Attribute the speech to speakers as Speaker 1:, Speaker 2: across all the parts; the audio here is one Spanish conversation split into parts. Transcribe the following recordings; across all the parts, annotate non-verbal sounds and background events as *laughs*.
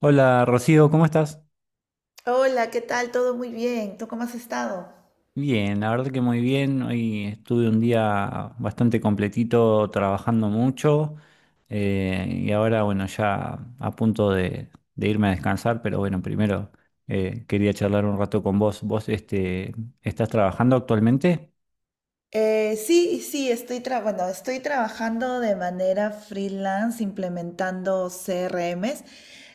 Speaker 1: Hola Rocío, ¿cómo estás?
Speaker 2: Hola, ¿qué tal? Todo muy bien. ¿Tú cómo has estado?
Speaker 1: Bien, la verdad que muy bien. Hoy estuve un día bastante completito trabajando mucho y ahora bueno, ya a punto de irme a descansar, pero bueno, primero quería charlar un rato con vos. ¿Vos estás trabajando actualmente?
Speaker 2: Sí, sí, bueno, estoy trabajando de manera freelance implementando CRMs.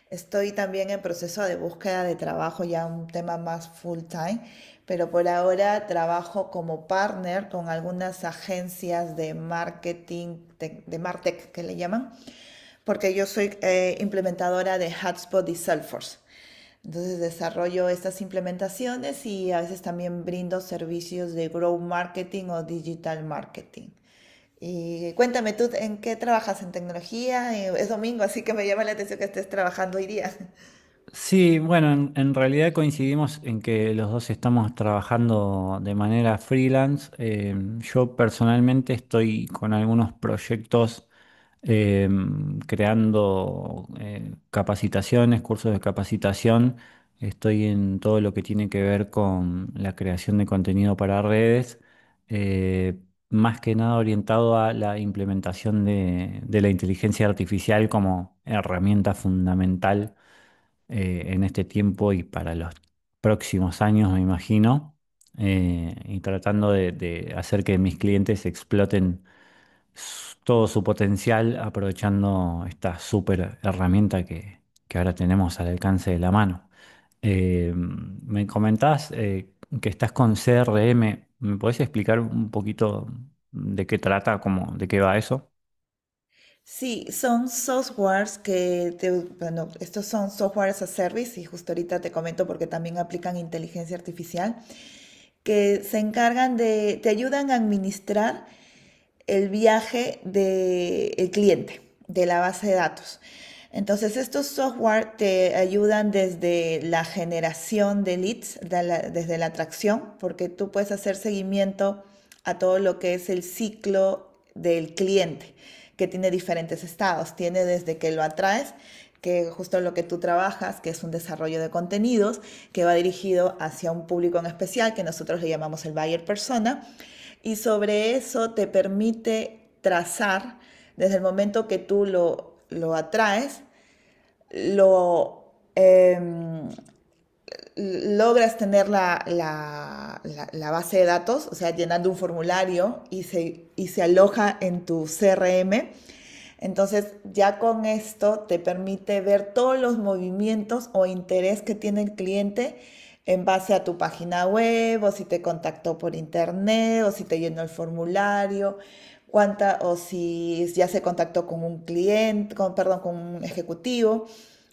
Speaker 2: Estoy también en proceso de búsqueda de trabajo, ya un tema más full time, pero por ahora trabajo como partner con algunas agencias de marketing, de Martech que le llaman. Porque yo soy implementadora de HubSpot y Salesforce. Entonces desarrollo estas implementaciones y a veces también brindo servicios de growth marketing o digital marketing. Y cuéntame tú, ¿en qué trabajas en tecnología? Es domingo, así que me llama la atención que estés trabajando hoy día.
Speaker 1: Sí, bueno, en realidad coincidimos en que los dos estamos trabajando de manera freelance. Yo personalmente estoy con algunos proyectos eh, creando capacitaciones, cursos de capacitación. Estoy en todo lo que tiene que ver con la creación de contenido para redes, eh, más que nada orientado a la implementación de la inteligencia artificial como herramienta fundamental en este tiempo y para los próximos años, me imagino, y tratando de hacer que mis clientes exploten todo su potencial aprovechando esta súper herramienta que ahora tenemos al alcance de la mano. Me comentás que estás con CRM. ¿Me podés explicar un poquito de qué trata, cómo, de qué va eso?
Speaker 2: Sí, son softwares bueno, estos son softwares as a service y justo ahorita te comento porque también aplican inteligencia artificial, que se encargan te ayudan a administrar el viaje del cliente, de la base de datos. Entonces, estos software te ayudan desde la generación de leads, desde la atracción, porque tú puedes hacer seguimiento a todo lo que es el ciclo del cliente, que tiene diferentes estados. Tiene desde que lo atraes, que justo lo que tú trabajas, que es un desarrollo de contenidos, que va dirigido hacia un público en especial, que nosotros le llamamos el buyer persona. Y sobre eso te permite trazar, desde el momento que tú lo atraes, lo, em, logras tener la base de datos, o sea, llenando un formulario y se aloja en tu CRM, entonces ya con esto te permite ver todos los movimientos o interés que tiene el cliente en base a tu página web, o si te contactó por internet, o si te llenó el formulario, cuánta o si ya se contactó con un cliente, perdón, con un ejecutivo.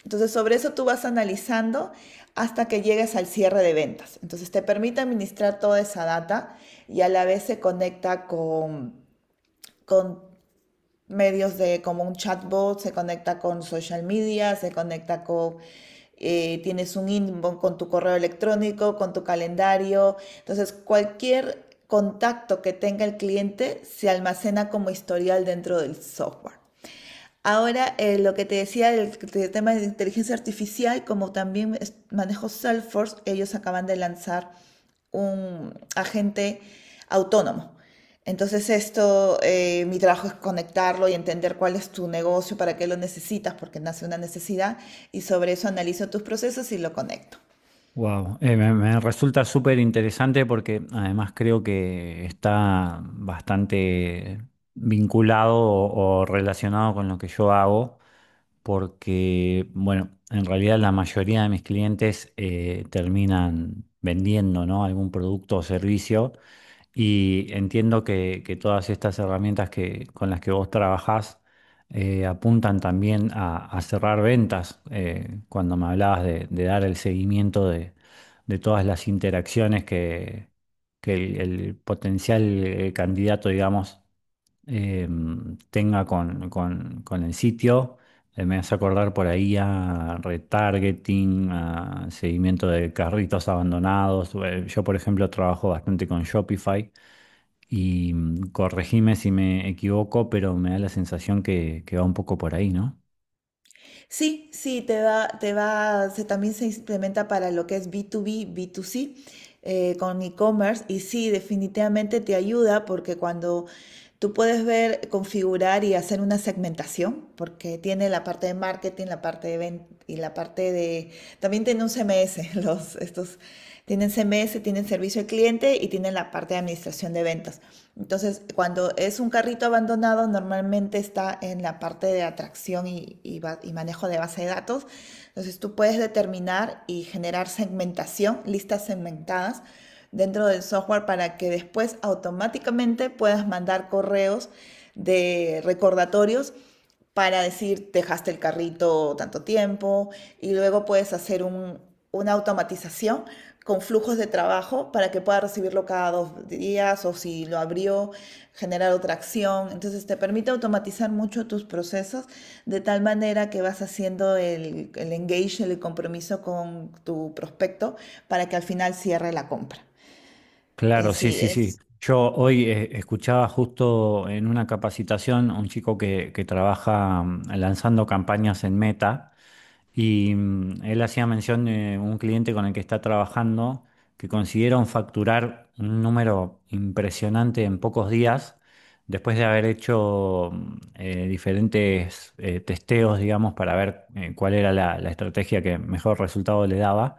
Speaker 2: Entonces sobre eso tú vas analizando hasta que llegues al cierre de ventas. Entonces te permite administrar toda esa data y a la vez se conecta con medios de como un chatbot, se conecta con social media, tienes un inbox con tu correo electrónico, con tu calendario. Entonces, cualquier contacto que tenga el cliente se almacena como historial dentro del software. Ahora, lo que te decía del tema de inteligencia artificial, como también manejo Salesforce, ellos acaban de lanzar un agente autónomo. Entonces, mi trabajo es conectarlo y entender cuál es tu negocio, para qué lo necesitas, porque nace una necesidad, y sobre eso analizo tus procesos y lo conecto.
Speaker 1: Wow, me resulta súper interesante porque además creo que está bastante vinculado o relacionado con lo que yo hago, porque, bueno, en realidad la mayoría de mis clientes terminan vendiendo, ¿no?, algún producto o servicio. Y entiendo que todas estas herramientas que, con las que vos trabajás apuntan también a cerrar ventas. Cuando me hablabas de dar el seguimiento de todas las interacciones que el potencial candidato, digamos, eh, tenga con el sitio, me hace acordar por ahí a retargeting, a seguimiento de carritos abandonados. Yo, por ejemplo, trabajo bastante con Shopify y corregime si me equivoco, pero me da la sensación que va un poco por ahí, ¿no?
Speaker 2: Sí, sí, también se implementa para lo que es B2B, B2C, con e-commerce. Y sí, definitivamente te ayuda porque cuando tú puedes ver, configurar y hacer una segmentación, porque tiene la parte de marketing, la parte de venta y la parte de... También tiene un CMS, *laughs* estos tienen CMS, tienen servicio al cliente y tienen la parte de administración de ventas. Entonces, cuando es un carrito abandonado, normalmente está en la parte de atracción y manejo de base de datos. Entonces, tú puedes determinar y generar segmentación, listas segmentadas dentro del software para que después automáticamente puedas mandar correos de recordatorios para decir dejaste el carrito tanto tiempo y luego puedes una automatización con flujos de trabajo para que pueda recibirlo cada dos días o si lo abrió, generar otra acción. Entonces te permite automatizar mucho tus procesos de tal manera que vas haciendo el engage, el compromiso con tu prospecto para que al final cierre la compra. Eh,
Speaker 1: Claro, sí,
Speaker 2: sí,
Speaker 1: sí, sí.
Speaker 2: es,
Speaker 1: Yo hoy escuchaba justo en una capacitación a un chico que trabaja lanzando campañas en Meta y él hacía mención de un cliente con el que está trabajando que consiguieron facturar un número impresionante en pocos días después de haber hecho diferentes testeos, digamos, para ver cuál era la la estrategia que mejor resultado le daba.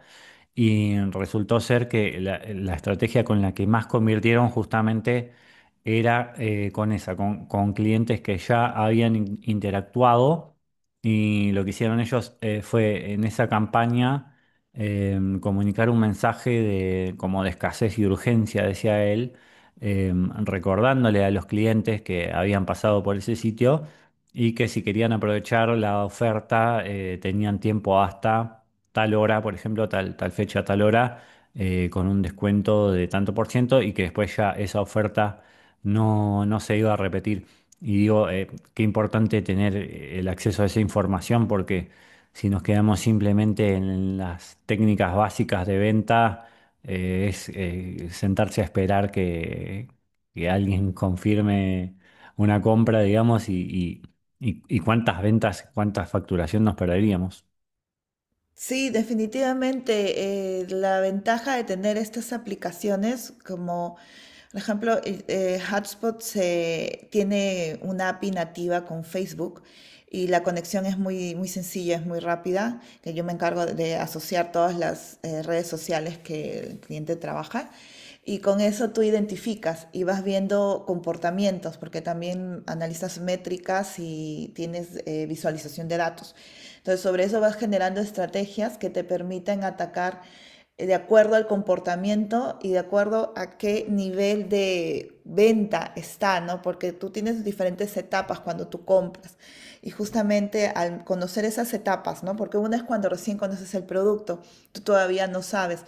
Speaker 1: Y resultó ser que la estrategia con la que más convirtieron justamente era con esa, con clientes que ya habían interactuado. Y lo que hicieron ellos fue en esa campaña comunicar un mensaje de, como de escasez y urgencia, decía él, eh, recordándole a los clientes que habían pasado por ese sitio y que si querían aprovechar la oferta tenían tiempo hasta tal hora, por ejemplo, tal, tal fecha, tal hora, con un descuento de tanto por ciento y que después ya esa oferta no, no se iba a repetir. Y digo, qué importante tener el acceso a esa información porque si nos quedamos simplemente en las técnicas básicas de venta, es sentarse a esperar que alguien confirme una compra, digamos, y cuántas ventas, cuánta facturación nos perderíamos.
Speaker 2: sí, definitivamente la ventaja de tener estas aplicaciones como, por ejemplo, Hotspot tiene una API nativa con Facebook y la conexión es muy sencilla, es muy rápida, que yo me encargo de asociar todas las redes sociales que el cliente trabaja. Y con eso tú identificas y vas viendo comportamientos, porque también analizas métricas y tienes visualización de datos. Entonces, sobre eso vas generando estrategias que te permitan atacar de acuerdo al comportamiento y de acuerdo a qué nivel de venta está, ¿no? Porque tú tienes diferentes etapas cuando tú compras. Y justamente al conocer esas etapas, ¿no? Porque una es cuando recién conoces el producto, tú todavía no sabes.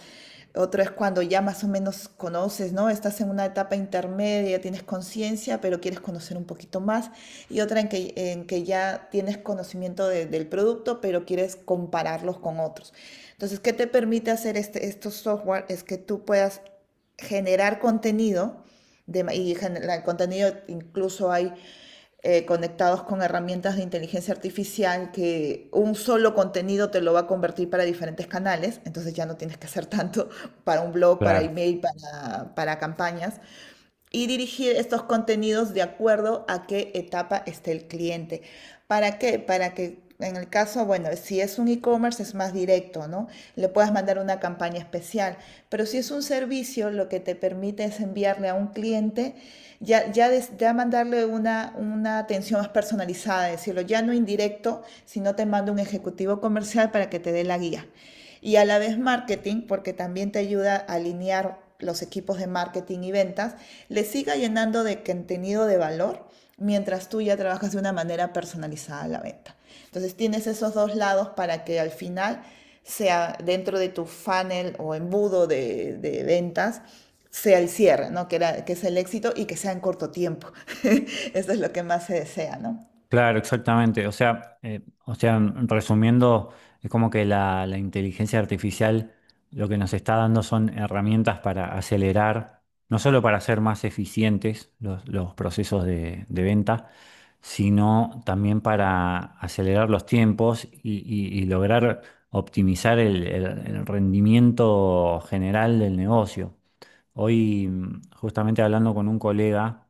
Speaker 2: Otro es cuando ya más o menos conoces, ¿no? Estás en una etapa intermedia, tienes conciencia, pero quieres conocer un poquito más. Y otra en que ya tienes conocimiento del producto, pero quieres compararlos con otros. Entonces, ¿qué te permite hacer estos software? Es que tú puedas generar contenido de y el contenido incluso hay conectados con herramientas de inteligencia artificial que un solo contenido te lo va a convertir para diferentes canales, entonces ya no tienes que hacer tanto *laughs* para un blog, para
Speaker 1: Claro.
Speaker 2: email, para campañas, y dirigir estos contenidos de acuerdo a qué etapa esté el cliente. ¿Para qué? Para que en el caso, bueno, si es un e-commerce es más directo, ¿no? Le puedas mandar una campaña especial, pero si es un servicio, lo que te permite es enviarle a un cliente, ya mandarle una atención más personalizada, decirlo, ya no indirecto, sino te mando un ejecutivo comercial para que te dé la guía y a la vez marketing, porque también te ayuda a alinear los equipos de marketing y ventas, le siga llenando de contenido de valor mientras tú ya trabajas de una manera personalizada la venta. Entonces tienes esos dos lados para que al final sea dentro de tu funnel o embudo de ventas, sea el cierre, ¿no? Que es el éxito y que sea en corto tiempo. *laughs* Eso es lo que más se desea, ¿no?
Speaker 1: Claro, exactamente. O sea, resumiendo, es como que la inteligencia artificial lo que nos está dando son herramientas para acelerar, no solo para hacer más eficientes los procesos de venta, sino también para acelerar los tiempos y lograr optimizar el el rendimiento general del negocio. Hoy, justamente hablando con un colega,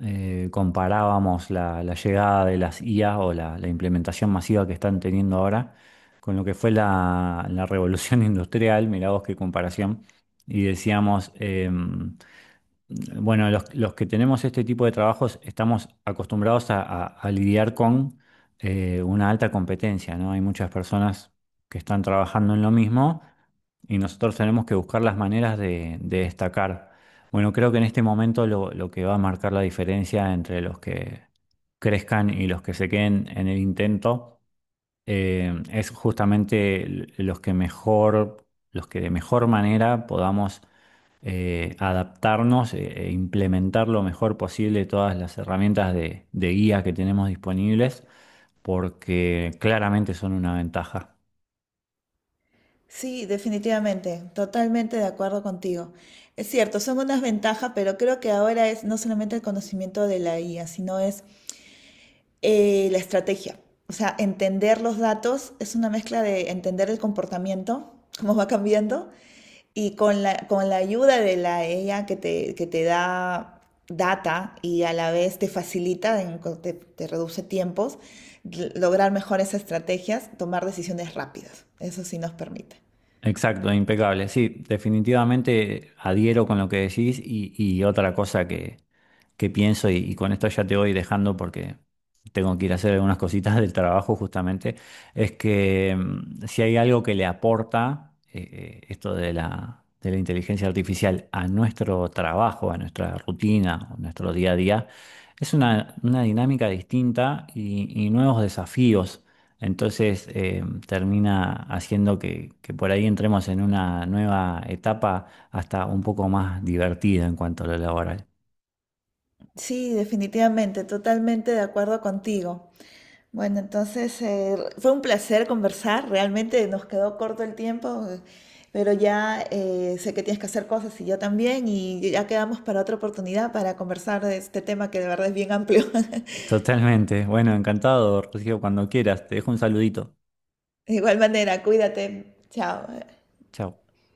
Speaker 1: comparábamos la llegada de las IA o la implementación masiva que están teniendo ahora con lo que fue la revolución *laughs* industrial, mirá vos qué comparación, y decíamos, bueno, los que tenemos este tipo de trabajos estamos acostumbrados a, a lidiar con una alta competencia, ¿no? Hay muchas personas que están trabajando en lo mismo y nosotros tenemos que buscar las maneras de destacar. Bueno, creo que en este momento lo que va a marcar la diferencia entre los que crezcan y los que se queden en el intento es justamente los que mejor, los que de mejor manera podamos adaptarnos e implementar lo mejor posible todas las herramientas de guía que tenemos disponibles, porque claramente son una ventaja.
Speaker 2: Sí, definitivamente, totalmente de acuerdo contigo. Es cierto, son unas ventajas, pero creo que ahora es no solamente el conocimiento de la IA, sino es la estrategia. O sea, entender los datos es una mezcla de entender el comportamiento, cómo va cambiando, y con con la ayuda de la IA que te da data y a la vez te facilita, te reduce tiempos, lograr mejores estrategias, tomar decisiones rápidas. Eso sí nos permite.
Speaker 1: Exacto, impecable. Sí, definitivamente adhiero con lo que decís y otra cosa que, qué pienso y con esto ya te voy dejando porque tengo que ir a hacer algunas cositas del trabajo justamente, es que si hay algo que le aporta esto de de la inteligencia artificial a nuestro trabajo, a nuestra rutina, a nuestro día a día, es una dinámica distinta y nuevos desafíos. Entonces termina haciendo que por ahí entremos en una nueva etapa hasta un poco más divertida en cuanto a lo laboral.
Speaker 2: Sí, definitivamente, totalmente de acuerdo contigo. Bueno, entonces fue un placer conversar, realmente nos quedó corto el tiempo, pero ya sé que tienes que hacer cosas y yo también, y ya quedamos para otra oportunidad para conversar de este tema que de verdad es bien amplio. *laughs*
Speaker 1: Totalmente. Bueno, encantado, Rocío, cuando quieras. Te dejo un saludito.
Speaker 2: De igual manera, cuídate, chao.
Speaker 1: Chao.